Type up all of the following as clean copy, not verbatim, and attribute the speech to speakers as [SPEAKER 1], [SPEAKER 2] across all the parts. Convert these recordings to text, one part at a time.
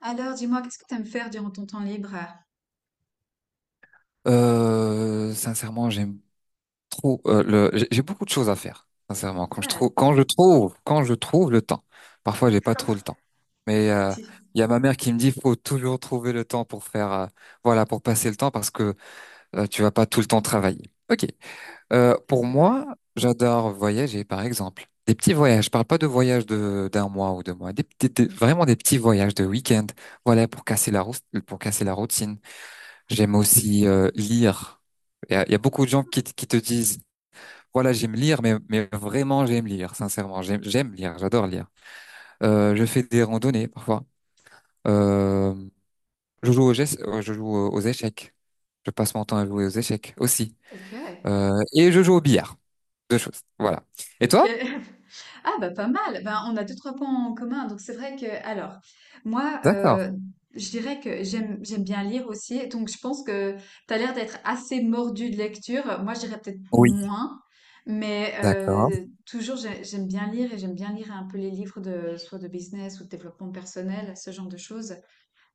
[SPEAKER 1] Alors, dis-moi, qu'est-ce que tu aimes faire durant ton temps libre?
[SPEAKER 2] Sincèrement, j'aime trop le. J'ai beaucoup de choses à faire. Sincèrement, quand je trouve, quand je trouve, quand je trouve le temps. Parfois, j'ai pas
[SPEAKER 1] D'accord.
[SPEAKER 2] trop le temps. Mais
[SPEAKER 1] Si,
[SPEAKER 2] il y a ma mère qui me dit, faut toujours trouver le temps pour faire, voilà, pour passer le temps parce que tu vas pas tout le temps travailler. Ok.
[SPEAKER 1] ça
[SPEAKER 2] Pour
[SPEAKER 1] c'est vrai.
[SPEAKER 2] moi, j'adore voyager, par exemple. Des petits voyages. Je parle pas de voyages de d'un mois ou 2 mois. Vraiment des petits voyages de week-end. Voilà, pour casser la routine. J'aime aussi lire. Il y a beaucoup de gens qui te disent, voilà, j'aime lire, mais vraiment, j'aime lire, sincèrement. J'aime lire, j'adore lire. Je fais des randonnées parfois. Euh, je joue aux échecs. Je passe mon temps à jouer aux échecs aussi.
[SPEAKER 1] Ok.
[SPEAKER 2] Et je joue au billard. Deux choses. Voilà. Et
[SPEAKER 1] Ok.
[SPEAKER 2] toi?
[SPEAKER 1] Ah bah pas mal. Ben, on a deux trois points en commun. Donc c'est vrai que alors moi,
[SPEAKER 2] D'accord.
[SPEAKER 1] je dirais que j'aime bien lire aussi. Donc je pense que tu as l'air d'être assez mordu de lecture. Moi je dirais peut-être
[SPEAKER 2] Oui.
[SPEAKER 1] moins, mais
[SPEAKER 2] D'accord.
[SPEAKER 1] toujours j'aime bien lire et j'aime bien lire un peu les livres de soit de business ou de développement personnel, ce genre de choses.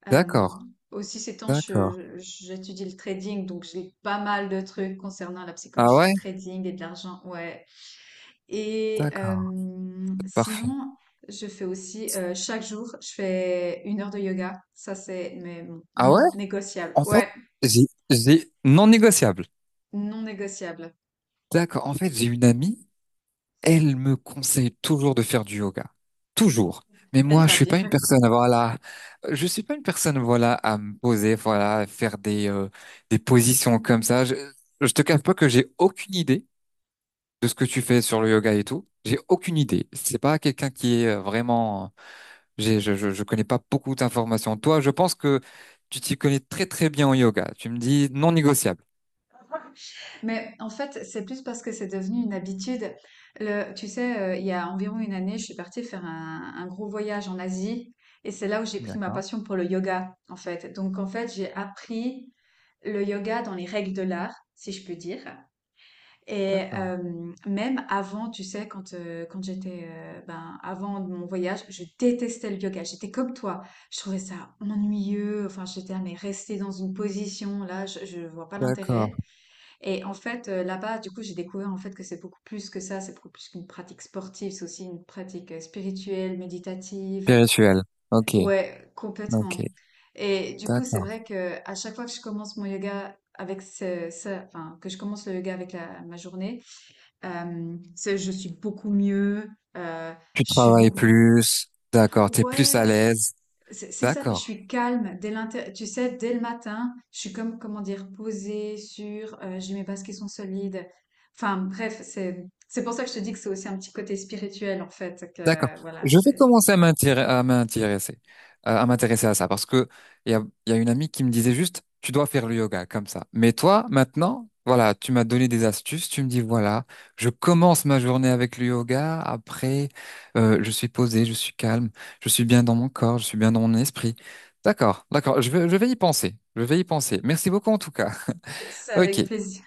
[SPEAKER 1] Euh,
[SPEAKER 2] D'accord.
[SPEAKER 1] aussi, ces temps,
[SPEAKER 2] D'accord.
[SPEAKER 1] j'étudie le trading, donc j'ai pas mal de trucs concernant la
[SPEAKER 2] Ah
[SPEAKER 1] psychologie du
[SPEAKER 2] ouais?
[SPEAKER 1] trading et de l'argent, ouais. Et
[SPEAKER 2] D'accord. Parfait.
[SPEAKER 1] sinon, je fais aussi, chaque jour, je fais 1 heure de yoga. Ça, c'est mais bon,
[SPEAKER 2] Ah ouais?
[SPEAKER 1] non négociable.
[SPEAKER 2] En fait,
[SPEAKER 1] Ouais,
[SPEAKER 2] j'ai non négociable.
[SPEAKER 1] non négociable.
[SPEAKER 2] D'accord. En fait, j'ai une amie. Elle me conseille toujours de faire du yoga. Toujours. Mais
[SPEAKER 1] Elle
[SPEAKER 2] moi, je
[SPEAKER 1] l'a
[SPEAKER 2] suis
[SPEAKER 1] bien
[SPEAKER 2] pas une
[SPEAKER 1] raison.
[SPEAKER 2] personne, voilà. Je suis pas une personne, voilà, à me poser, voilà, à faire des positions comme ça. Je te cache pas que j'ai aucune idée de ce que tu fais sur le yoga et tout. J'ai aucune idée. C'est pas quelqu'un qui est vraiment, je connais pas beaucoup d'informations. Toi, je pense que tu t'y connais très, très bien en yoga. Tu me dis non négociable.
[SPEAKER 1] Mais en fait, c'est plus parce que c'est devenu une habitude. Tu sais, il y a environ une année, je suis partie faire un gros voyage en Asie et c'est là où j'ai pris ma
[SPEAKER 2] D'accord,
[SPEAKER 1] passion pour le yoga, en fait. Donc, en fait, j'ai appris le yoga dans les règles de l'art, si je peux dire. Et
[SPEAKER 2] d'accord,
[SPEAKER 1] même avant, tu sais, quand j'étais, ben, avant mon voyage, je détestais le yoga. J'étais comme toi. Je trouvais ça ennuyeux. Enfin, j'étais, ah, mais rester dans une position, là, je vois pas
[SPEAKER 2] d'accord.
[SPEAKER 1] l'intérêt. Et en fait, là-bas, du coup, j'ai découvert en fait que c'est beaucoup plus que ça, c'est beaucoup plus qu'une pratique sportive, c'est aussi une pratique, spirituelle, méditative.
[SPEAKER 2] Spirituel. Ok,
[SPEAKER 1] Ouais,
[SPEAKER 2] ok,
[SPEAKER 1] complètement. Et du coup, c'est
[SPEAKER 2] d'accord.
[SPEAKER 1] vrai que à chaque fois que je commence mon yoga avec ce, ça, enfin, que je commence le yoga avec la, ma journée, je suis beaucoup mieux. euh,
[SPEAKER 2] Tu
[SPEAKER 1] je suis
[SPEAKER 2] travailles
[SPEAKER 1] beaucoup.
[SPEAKER 2] plus, d'accord, t'es plus à
[SPEAKER 1] Ouais,
[SPEAKER 2] l'aise,
[SPEAKER 1] c'est ça, puis je
[SPEAKER 2] d'accord,
[SPEAKER 1] suis calme tu sais, dès le matin, je suis comme, comment dire, posée, sûre, j'ai mes bases qui sont solides. Enfin, bref, c'est pour ça que je te dis que c'est aussi un petit côté spirituel, en fait,
[SPEAKER 2] d'accord.
[SPEAKER 1] que, voilà,
[SPEAKER 2] Je vais
[SPEAKER 1] c'est,
[SPEAKER 2] commencer à m'intéresser, à m'intéresser à ça parce que il y a une amie qui me disait juste, tu dois faire le yoga comme ça. Mais toi, maintenant, voilà, tu m'as donné des astuces, tu me dis voilà, je commence ma journée avec le yoga, après, je suis posé, je suis calme, je suis bien dans mon corps, je suis bien dans mon esprit. D'accord, d'accord, je vais y penser, je vais y penser. Merci beaucoup en tout cas.
[SPEAKER 1] c'est
[SPEAKER 2] Ok,
[SPEAKER 1] avec plaisir.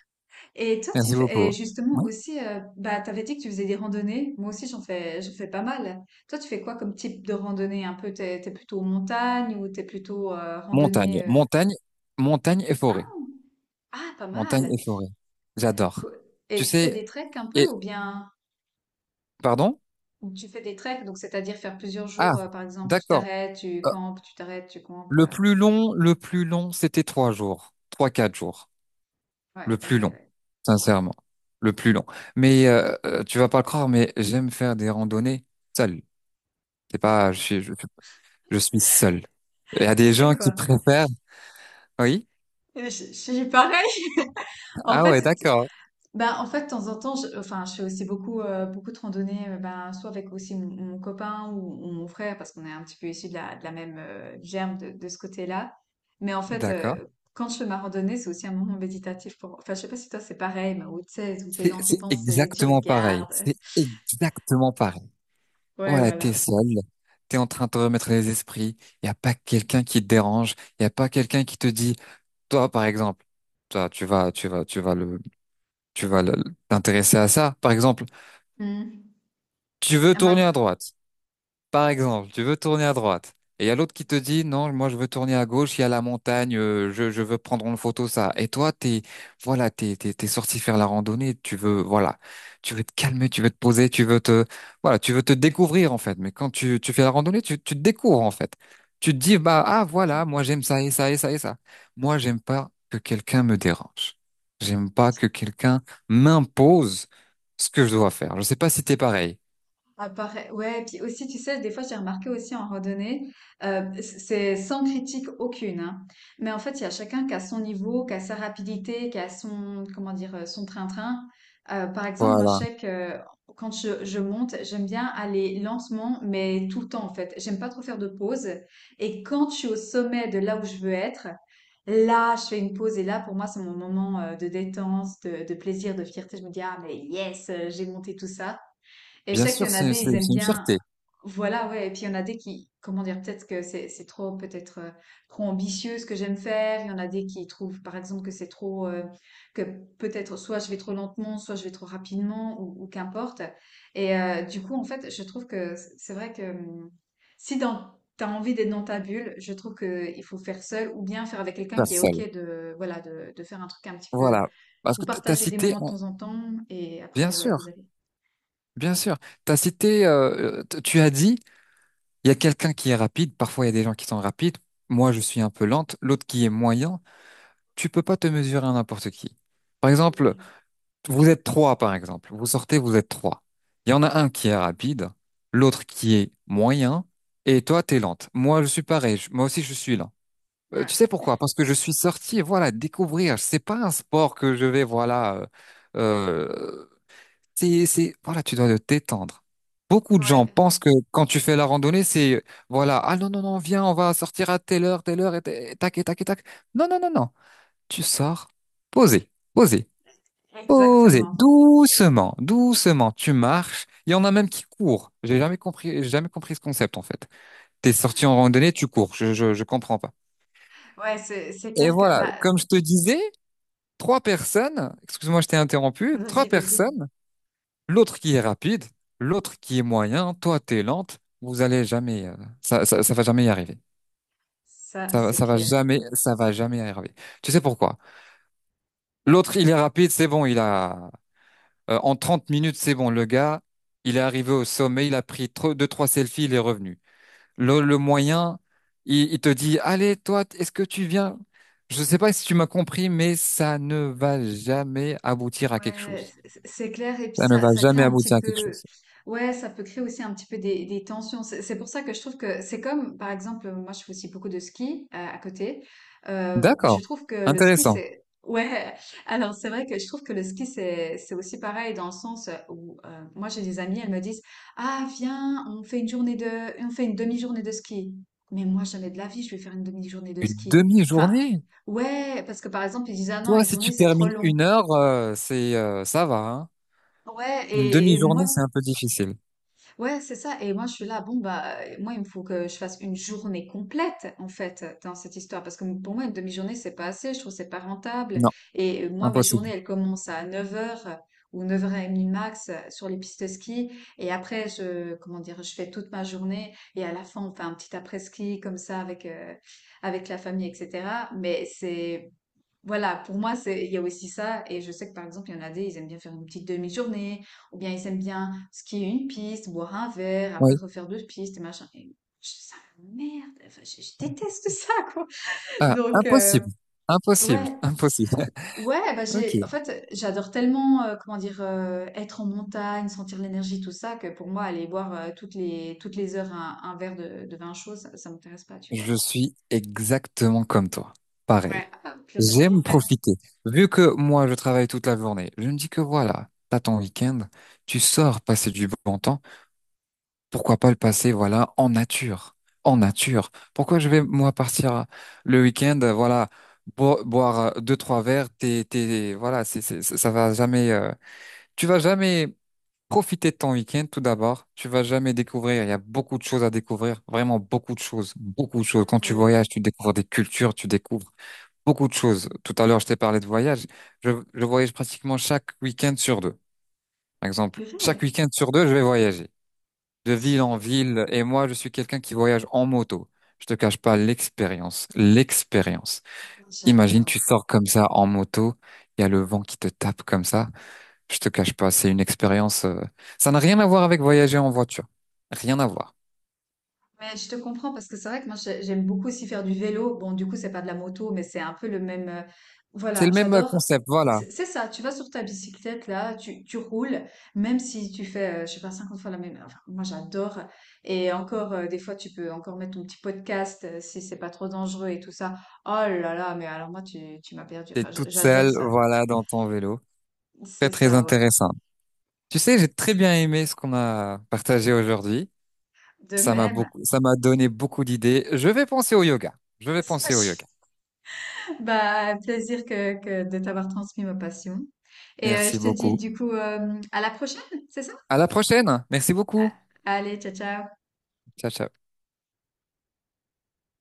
[SPEAKER 1] Et toi, tu
[SPEAKER 2] merci
[SPEAKER 1] fais, et
[SPEAKER 2] beaucoup.
[SPEAKER 1] justement aussi, bah, t'avais dit que tu faisais des randonnées. Moi aussi, j'en fais pas mal. Toi, tu fais quoi comme type de randonnée? Un peu, t'es plutôt montagne ou t'es plutôt,
[SPEAKER 2] Montagne,
[SPEAKER 1] randonnée,
[SPEAKER 2] montagne, montagne et forêt.
[SPEAKER 1] hein? Ah, pas
[SPEAKER 2] Montagne
[SPEAKER 1] mal.
[SPEAKER 2] et forêt. J'adore.
[SPEAKER 1] Cou- Et
[SPEAKER 2] Tu
[SPEAKER 1] tu fais
[SPEAKER 2] sais,
[SPEAKER 1] des treks un peu
[SPEAKER 2] et,
[SPEAKER 1] ou bien
[SPEAKER 2] pardon?
[SPEAKER 1] Mm. Tu fais des treks, donc c'est-à-dire faire plusieurs
[SPEAKER 2] Ah,
[SPEAKER 1] jours, par exemple, tu
[SPEAKER 2] d'accord.
[SPEAKER 1] t'arrêtes, tu
[SPEAKER 2] Euh,
[SPEAKER 1] campes, tu t'arrêtes, tu campes.
[SPEAKER 2] le plus long, c'était 3 jours. Trois, quatre jours. Le
[SPEAKER 1] Ouais,
[SPEAKER 2] plus
[SPEAKER 1] pareil,
[SPEAKER 2] long.
[SPEAKER 1] ouais.
[SPEAKER 2] Sincèrement. Le plus long. Mais, tu vas pas le croire, mais j'aime faire des randonnées seul. C'est pas, je suis, je, je suis seul. Il y a
[SPEAKER 1] Tu
[SPEAKER 2] des
[SPEAKER 1] sais
[SPEAKER 2] gens qui
[SPEAKER 1] quoi?
[SPEAKER 2] préfèrent, oui?
[SPEAKER 1] Je suis pareil. En
[SPEAKER 2] Ah
[SPEAKER 1] fait,
[SPEAKER 2] ouais, d'accord.
[SPEAKER 1] ben, en fait, de temps en temps, enfin, je fais aussi beaucoup de randonnées, ben, soit avec aussi mon copain ou mon frère, parce qu'on est un petit peu issus de la même, germe de ce côté-là. Mais en fait,
[SPEAKER 2] D'accord.
[SPEAKER 1] quand je fais ma randonnée, c'est aussi un moment méditatif pour. Enfin, je sais pas si toi c'est pareil, mais où tu sais, où t'es
[SPEAKER 2] C'est
[SPEAKER 1] dans tes
[SPEAKER 2] c'est
[SPEAKER 1] pensées, tu
[SPEAKER 2] exactement pareil.
[SPEAKER 1] regardes.
[SPEAKER 2] C'est exactement pareil.
[SPEAKER 1] Ouais,
[SPEAKER 2] Voilà, t'es
[SPEAKER 1] voilà.
[SPEAKER 2] seul, t'es en train de te remettre les esprits, il n'y a pas quelqu'un qui te dérange, il n'y a pas quelqu'un qui te dit, toi par exemple, toi tu vas, tu vas, tu vas le, tu vas le- t'intéresser à ça, par exemple,
[SPEAKER 1] Mm.
[SPEAKER 2] tu veux
[SPEAKER 1] Un
[SPEAKER 2] tourner
[SPEAKER 1] matin.
[SPEAKER 2] à droite. Par
[SPEAKER 1] OK.
[SPEAKER 2] exemple, tu veux tourner à droite et il y a l'autre qui te dit non, moi je veux tourner à gauche, il y a la montagne, je veux prendre en photo ça. Et toi, t'es voilà, t'es sorti faire la randonnée, tu veux voilà, tu veux te calmer, tu veux te poser, tu veux te voilà, tu veux te découvrir en fait. Mais quand tu fais la randonnée, tu te découvres en fait. Tu te dis bah ah voilà, moi j'aime ça et ça et ça et ça. Moi j'aime pas que quelqu'un me dérange. J'aime pas que quelqu'un m'impose ce que je dois faire. Je sais pas si t'es pareil.
[SPEAKER 1] Ah, ouais, puis aussi, tu sais, des fois, j'ai remarqué aussi en randonnée, euh, c'est sans critique aucune, hein. Mais en fait, il y a chacun qui a son niveau, qui a sa rapidité, qui a comment dire, son train-train. Par exemple, moi, je sais que quand je monte, j'aime bien aller lentement, mais tout le temps, en fait. J'aime pas trop faire de pause. Et quand je suis au sommet de là où je veux être, là, je fais une pause et là, pour moi, c'est mon moment, de détente, de plaisir, de fierté. Je me dis, ah, mais yes, j'ai monté tout ça. Et je
[SPEAKER 2] Bien
[SPEAKER 1] sais qu'il
[SPEAKER 2] sûr,
[SPEAKER 1] y en a
[SPEAKER 2] c'est
[SPEAKER 1] des, ils
[SPEAKER 2] c'est-
[SPEAKER 1] aiment
[SPEAKER 2] c'est une
[SPEAKER 1] bien.
[SPEAKER 2] fierté,
[SPEAKER 1] Voilà, ouais. Et puis il y en a des qui, comment dire, peut-être que c'est trop, peut-être, trop ambitieux ce que j'aime faire. Il y en a des qui trouvent, par exemple, que c'est trop, que peut-être soit je vais trop lentement, soit je vais trop rapidement, ou qu'importe. Et du coup, en fait, je trouve que c'est vrai que si dans t'as envie d'être dans ta bulle, je trouve que il faut faire seul ou bien faire avec quelqu'un qui est OK
[SPEAKER 2] personne.
[SPEAKER 1] de faire un truc un petit peu.
[SPEAKER 2] Voilà. Parce
[SPEAKER 1] Vous
[SPEAKER 2] que tu as
[SPEAKER 1] partagez des
[SPEAKER 2] cité,
[SPEAKER 1] moments de temps en temps et
[SPEAKER 2] bien
[SPEAKER 1] après, ouais, vous
[SPEAKER 2] sûr,
[SPEAKER 1] allez.
[SPEAKER 2] bien sûr, tu as cité, tu as dit, il y a quelqu'un qui est rapide, parfois il y a des gens qui sont rapides, moi je suis un peu lente, l'autre qui est moyen, tu peux pas te mesurer à n'importe qui. Par exemple, vous êtes trois, par exemple, vous sortez, vous êtes trois. Il y en a un qui est rapide, l'autre qui est moyen, et toi, tu es lente. Moi, je suis pareil, moi aussi je suis lente. Tu sais
[SPEAKER 1] Ouais,
[SPEAKER 2] pourquoi? Parce que je suis sorti, voilà, découvrir. C'est pas un sport que je vais, voilà. Euh, voilà, tu dois te détendre. Beaucoup de
[SPEAKER 1] ouais,
[SPEAKER 2] gens pensent que quand tu fais la randonnée, c'est, voilà, ah non, non, non, viens, on va sortir à telle heure, et, et tac, et tac, et tac. Non, non, non, non. Tu sors, posé, posé, posé,
[SPEAKER 1] exactement.
[SPEAKER 2] doucement, doucement. Tu marches. Il y en a même qui courent. J'ai jamais compris ce concept, en fait. T'es sorti en randonnée, tu cours. Je comprends pas.
[SPEAKER 1] Ouais, c'est
[SPEAKER 2] Et
[SPEAKER 1] clair que
[SPEAKER 2] voilà,
[SPEAKER 1] bah
[SPEAKER 2] comme je te disais, trois personnes, excuse-moi, je t'ai interrompu, trois
[SPEAKER 1] vas-y, vas-y.
[SPEAKER 2] personnes, l'autre qui est rapide, l'autre qui est moyen, toi t'es lente, vous allez jamais, ça va jamais y arriver.
[SPEAKER 1] Ça,
[SPEAKER 2] Ça, va-
[SPEAKER 1] c'est
[SPEAKER 2] ça va
[SPEAKER 1] clair.
[SPEAKER 2] jamais, ça va jamais y arriver. Tu sais pourquoi? L'autre, il est rapide, c'est bon, il a, en 30 minutes, c'est bon, le gars, il est arrivé au sommet, il a pris deux, trois selfies, il est revenu. Le moyen, il te dit, allez, toi, est-ce que tu viens? Je sais pas si tu m'as compris, mais ça ne va jamais aboutir à quelque
[SPEAKER 1] Ouais,
[SPEAKER 2] chose.
[SPEAKER 1] c'est clair. Et puis
[SPEAKER 2] Ça ne
[SPEAKER 1] ça,
[SPEAKER 2] va
[SPEAKER 1] ça crée
[SPEAKER 2] jamais
[SPEAKER 1] un petit
[SPEAKER 2] aboutir à quelque
[SPEAKER 1] peu,
[SPEAKER 2] chose.
[SPEAKER 1] ouais, ça peut créer aussi un petit peu des tensions. C'est pour ça que je trouve que c'est comme, par exemple, moi je fais aussi beaucoup de ski, à côté. Je
[SPEAKER 2] D'accord,
[SPEAKER 1] trouve que le ski,
[SPEAKER 2] intéressant.
[SPEAKER 1] c'est, ouais. Alors c'est vrai que je trouve que le ski, c'est aussi pareil dans le sens où, moi j'ai des amies, elles me disent, ah viens, on fait une journée de, on fait une demi-journée de ski. Mais moi jamais de la vie, je vais faire une demi-journée de
[SPEAKER 2] Une
[SPEAKER 1] ski. Enfin,
[SPEAKER 2] demi-journée?
[SPEAKER 1] ouais, parce que par exemple ils disent, ah non,
[SPEAKER 2] Toi,
[SPEAKER 1] une
[SPEAKER 2] si
[SPEAKER 1] journée
[SPEAKER 2] tu
[SPEAKER 1] c'est trop
[SPEAKER 2] termines
[SPEAKER 1] long.
[SPEAKER 2] une heure, c'est ça va, hein.
[SPEAKER 1] Ouais,
[SPEAKER 2] Une
[SPEAKER 1] et moi,
[SPEAKER 2] demi-journée, c'est un peu difficile.
[SPEAKER 1] ouais, c'est ça. Et moi, je suis là, bon, bah, moi, il me faut que je fasse une journée complète, en fait, dans cette histoire. Parce que pour moi, une demi-journée, c'est pas assez. Je trouve que c'est pas rentable.
[SPEAKER 2] Non,
[SPEAKER 1] Et moi, mes journées,
[SPEAKER 2] impossible.
[SPEAKER 1] elles commencent à 9 heures ou 9h30 max, sur les pistes de ski. Et après, comment dire, je fais toute ma journée. Et à la fin, on fait un petit après-ski, comme ça, avec la famille, etc. Mais c'est, voilà, pour moi, c'est, il y a aussi ça. Et je sais que par exemple, il y en a des, ils aiment bien faire une petite demi-journée, ou bien ils aiment bien skier une piste, boire un verre, après
[SPEAKER 2] Oui.
[SPEAKER 1] refaire deux pistes et machin. Et ça merde, enfin, je déteste ça, quoi.
[SPEAKER 2] Ah,
[SPEAKER 1] Donc,
[SPEAKER 2] impossible. Impossible.
[SPEAKER 1] ouais,
[SPEAKER 2] Impossible.
[SPEAKER 1] ouais, bah
[SPEAKER 2] Ok.
[SPEAKER 1] j'ai, en fait, j'adore tellement, comment dire, être en montagne, sentir l'énergie, tout ça, que pour moi, aller boire, toutes les heures un verre de vin chaud, ça m'intéresse pas, tu
[SPEAKER 2] Je
[SPEAKER 1] vois.
[SPEAKER 2] suis exactement comme toi. Pareil.
[SPEAKER 1] Ouais.
[SPEAKER 2] J'aime profiter. Vu que moi, je travaille toute la journée, je me dis que voilà, t'as ton week-end, tu sors passer du bon temps. Pourquoi pas le passer, voilà, en nature, en nature. Pourquoi je vais moi partir le week-end, voilà, boire deux trois verres, voilà, ça va jamais, tu vas jamais profiter de ton week-end tout d'abord. Tu vas jamais découvrir. Il y a beaucoup de choses à découvrir, vraiment beaucoup de choses, beaucoup de choses. Quand tu
[SPEAKER 1] Mhm.
[SPEAKER 2] voyages, tu découvres des cultures, tu découvres beaucoup de choses. Tout à l'heure, je t'ai parlé de voyage. Je voyage pratiquement chaque week-end sur deux. Par exemple,
[SPEAKER 1] Purée,
[SPEAKER 2] chaque week-end sur deux, je vais voyager de ville en
[SPEAKER 1] super,
[SPEAKER 2] ville et moi je suis quelqu'un qui voyage en moto. Je te cache pas l'expérience, l'expérience. Imagine tu
[SPEAKER 1] j'adore.
[SPEAKER 2] sors comme ça en moto, il y a le vent qui te tape comme ça. Je te cache pas, c'est une expérience. Ça n'a rien à voir avec voyager en voiture, rien à voir.
[SPEAKER 1] Mais je te comprends parce que c'est vrai que moi j'aime beaucoup aussi faire du vélo. Bon, du coup, c'est pas de la moto, mais c'est un peu le même.
[SPEAKER 2] C'est
[SPEAKER 1] Voilà,
[SPEAKER 2] le même
[SPEAKER 1] j'adore.
[SPEAKER 2] concept, voilà.
[SPEAKER 1] C'est ça, tu vas sur ta bicyclette là, tu roules, même si tu fais, je sais pas, 50 fois la même. Enfin, moi j'adore. Et encore, des fois, tu peux encore mettre ton petit podcast, si c'est pas trop dangereux et tout ça. Oh là là, mais alors moi, tu m'as perdu.
[SPEAKER 2] T'es
[SPEAKER 1] Enfin,
[SPEAKER 2] toute
[SPEAKER 1] j'adore
[SPEAKER 2] seule,
[SPEAKER 1] ça.
[SPEAKER 2] voilà, dans ton vélo. Très
[SPEAKER 1] C'est
[SPEAKER 2] très
[SPEAKER 1] ça, ouais.
[SPEAKER 2] intéressant. Tu sais, j'ai très bien aimé ce qu'on a partagé aujourd'hui.
[SPEAKER 1] De
[SPEAKER 2] Ça m'a
[SPEAKER 1] même.
[SPEAKER 2] beaucoup, ça m'a donné beaucoup d'idées. Je vais penser au yoga. Je vais penser au yoga.
[SPEAKER 1] Bah, plaisir que de t'avoir transmis ma passion. Et
[SPEAKER 2] Merci
[SPEAKER 1] je te dis
[SPEAKER 2] beaucoup.
[SPEAKER 1] du coup, à la prochaine, c'est ça?
[SPEAKER 2] À la prochaine. Merci
[SPEAKER 1] Ah,
[SPEAKER 2] beaucoup.
[SPEAKER 1] allez, ciao, ciao.
[SPEAKER 2] Ciao, ciao.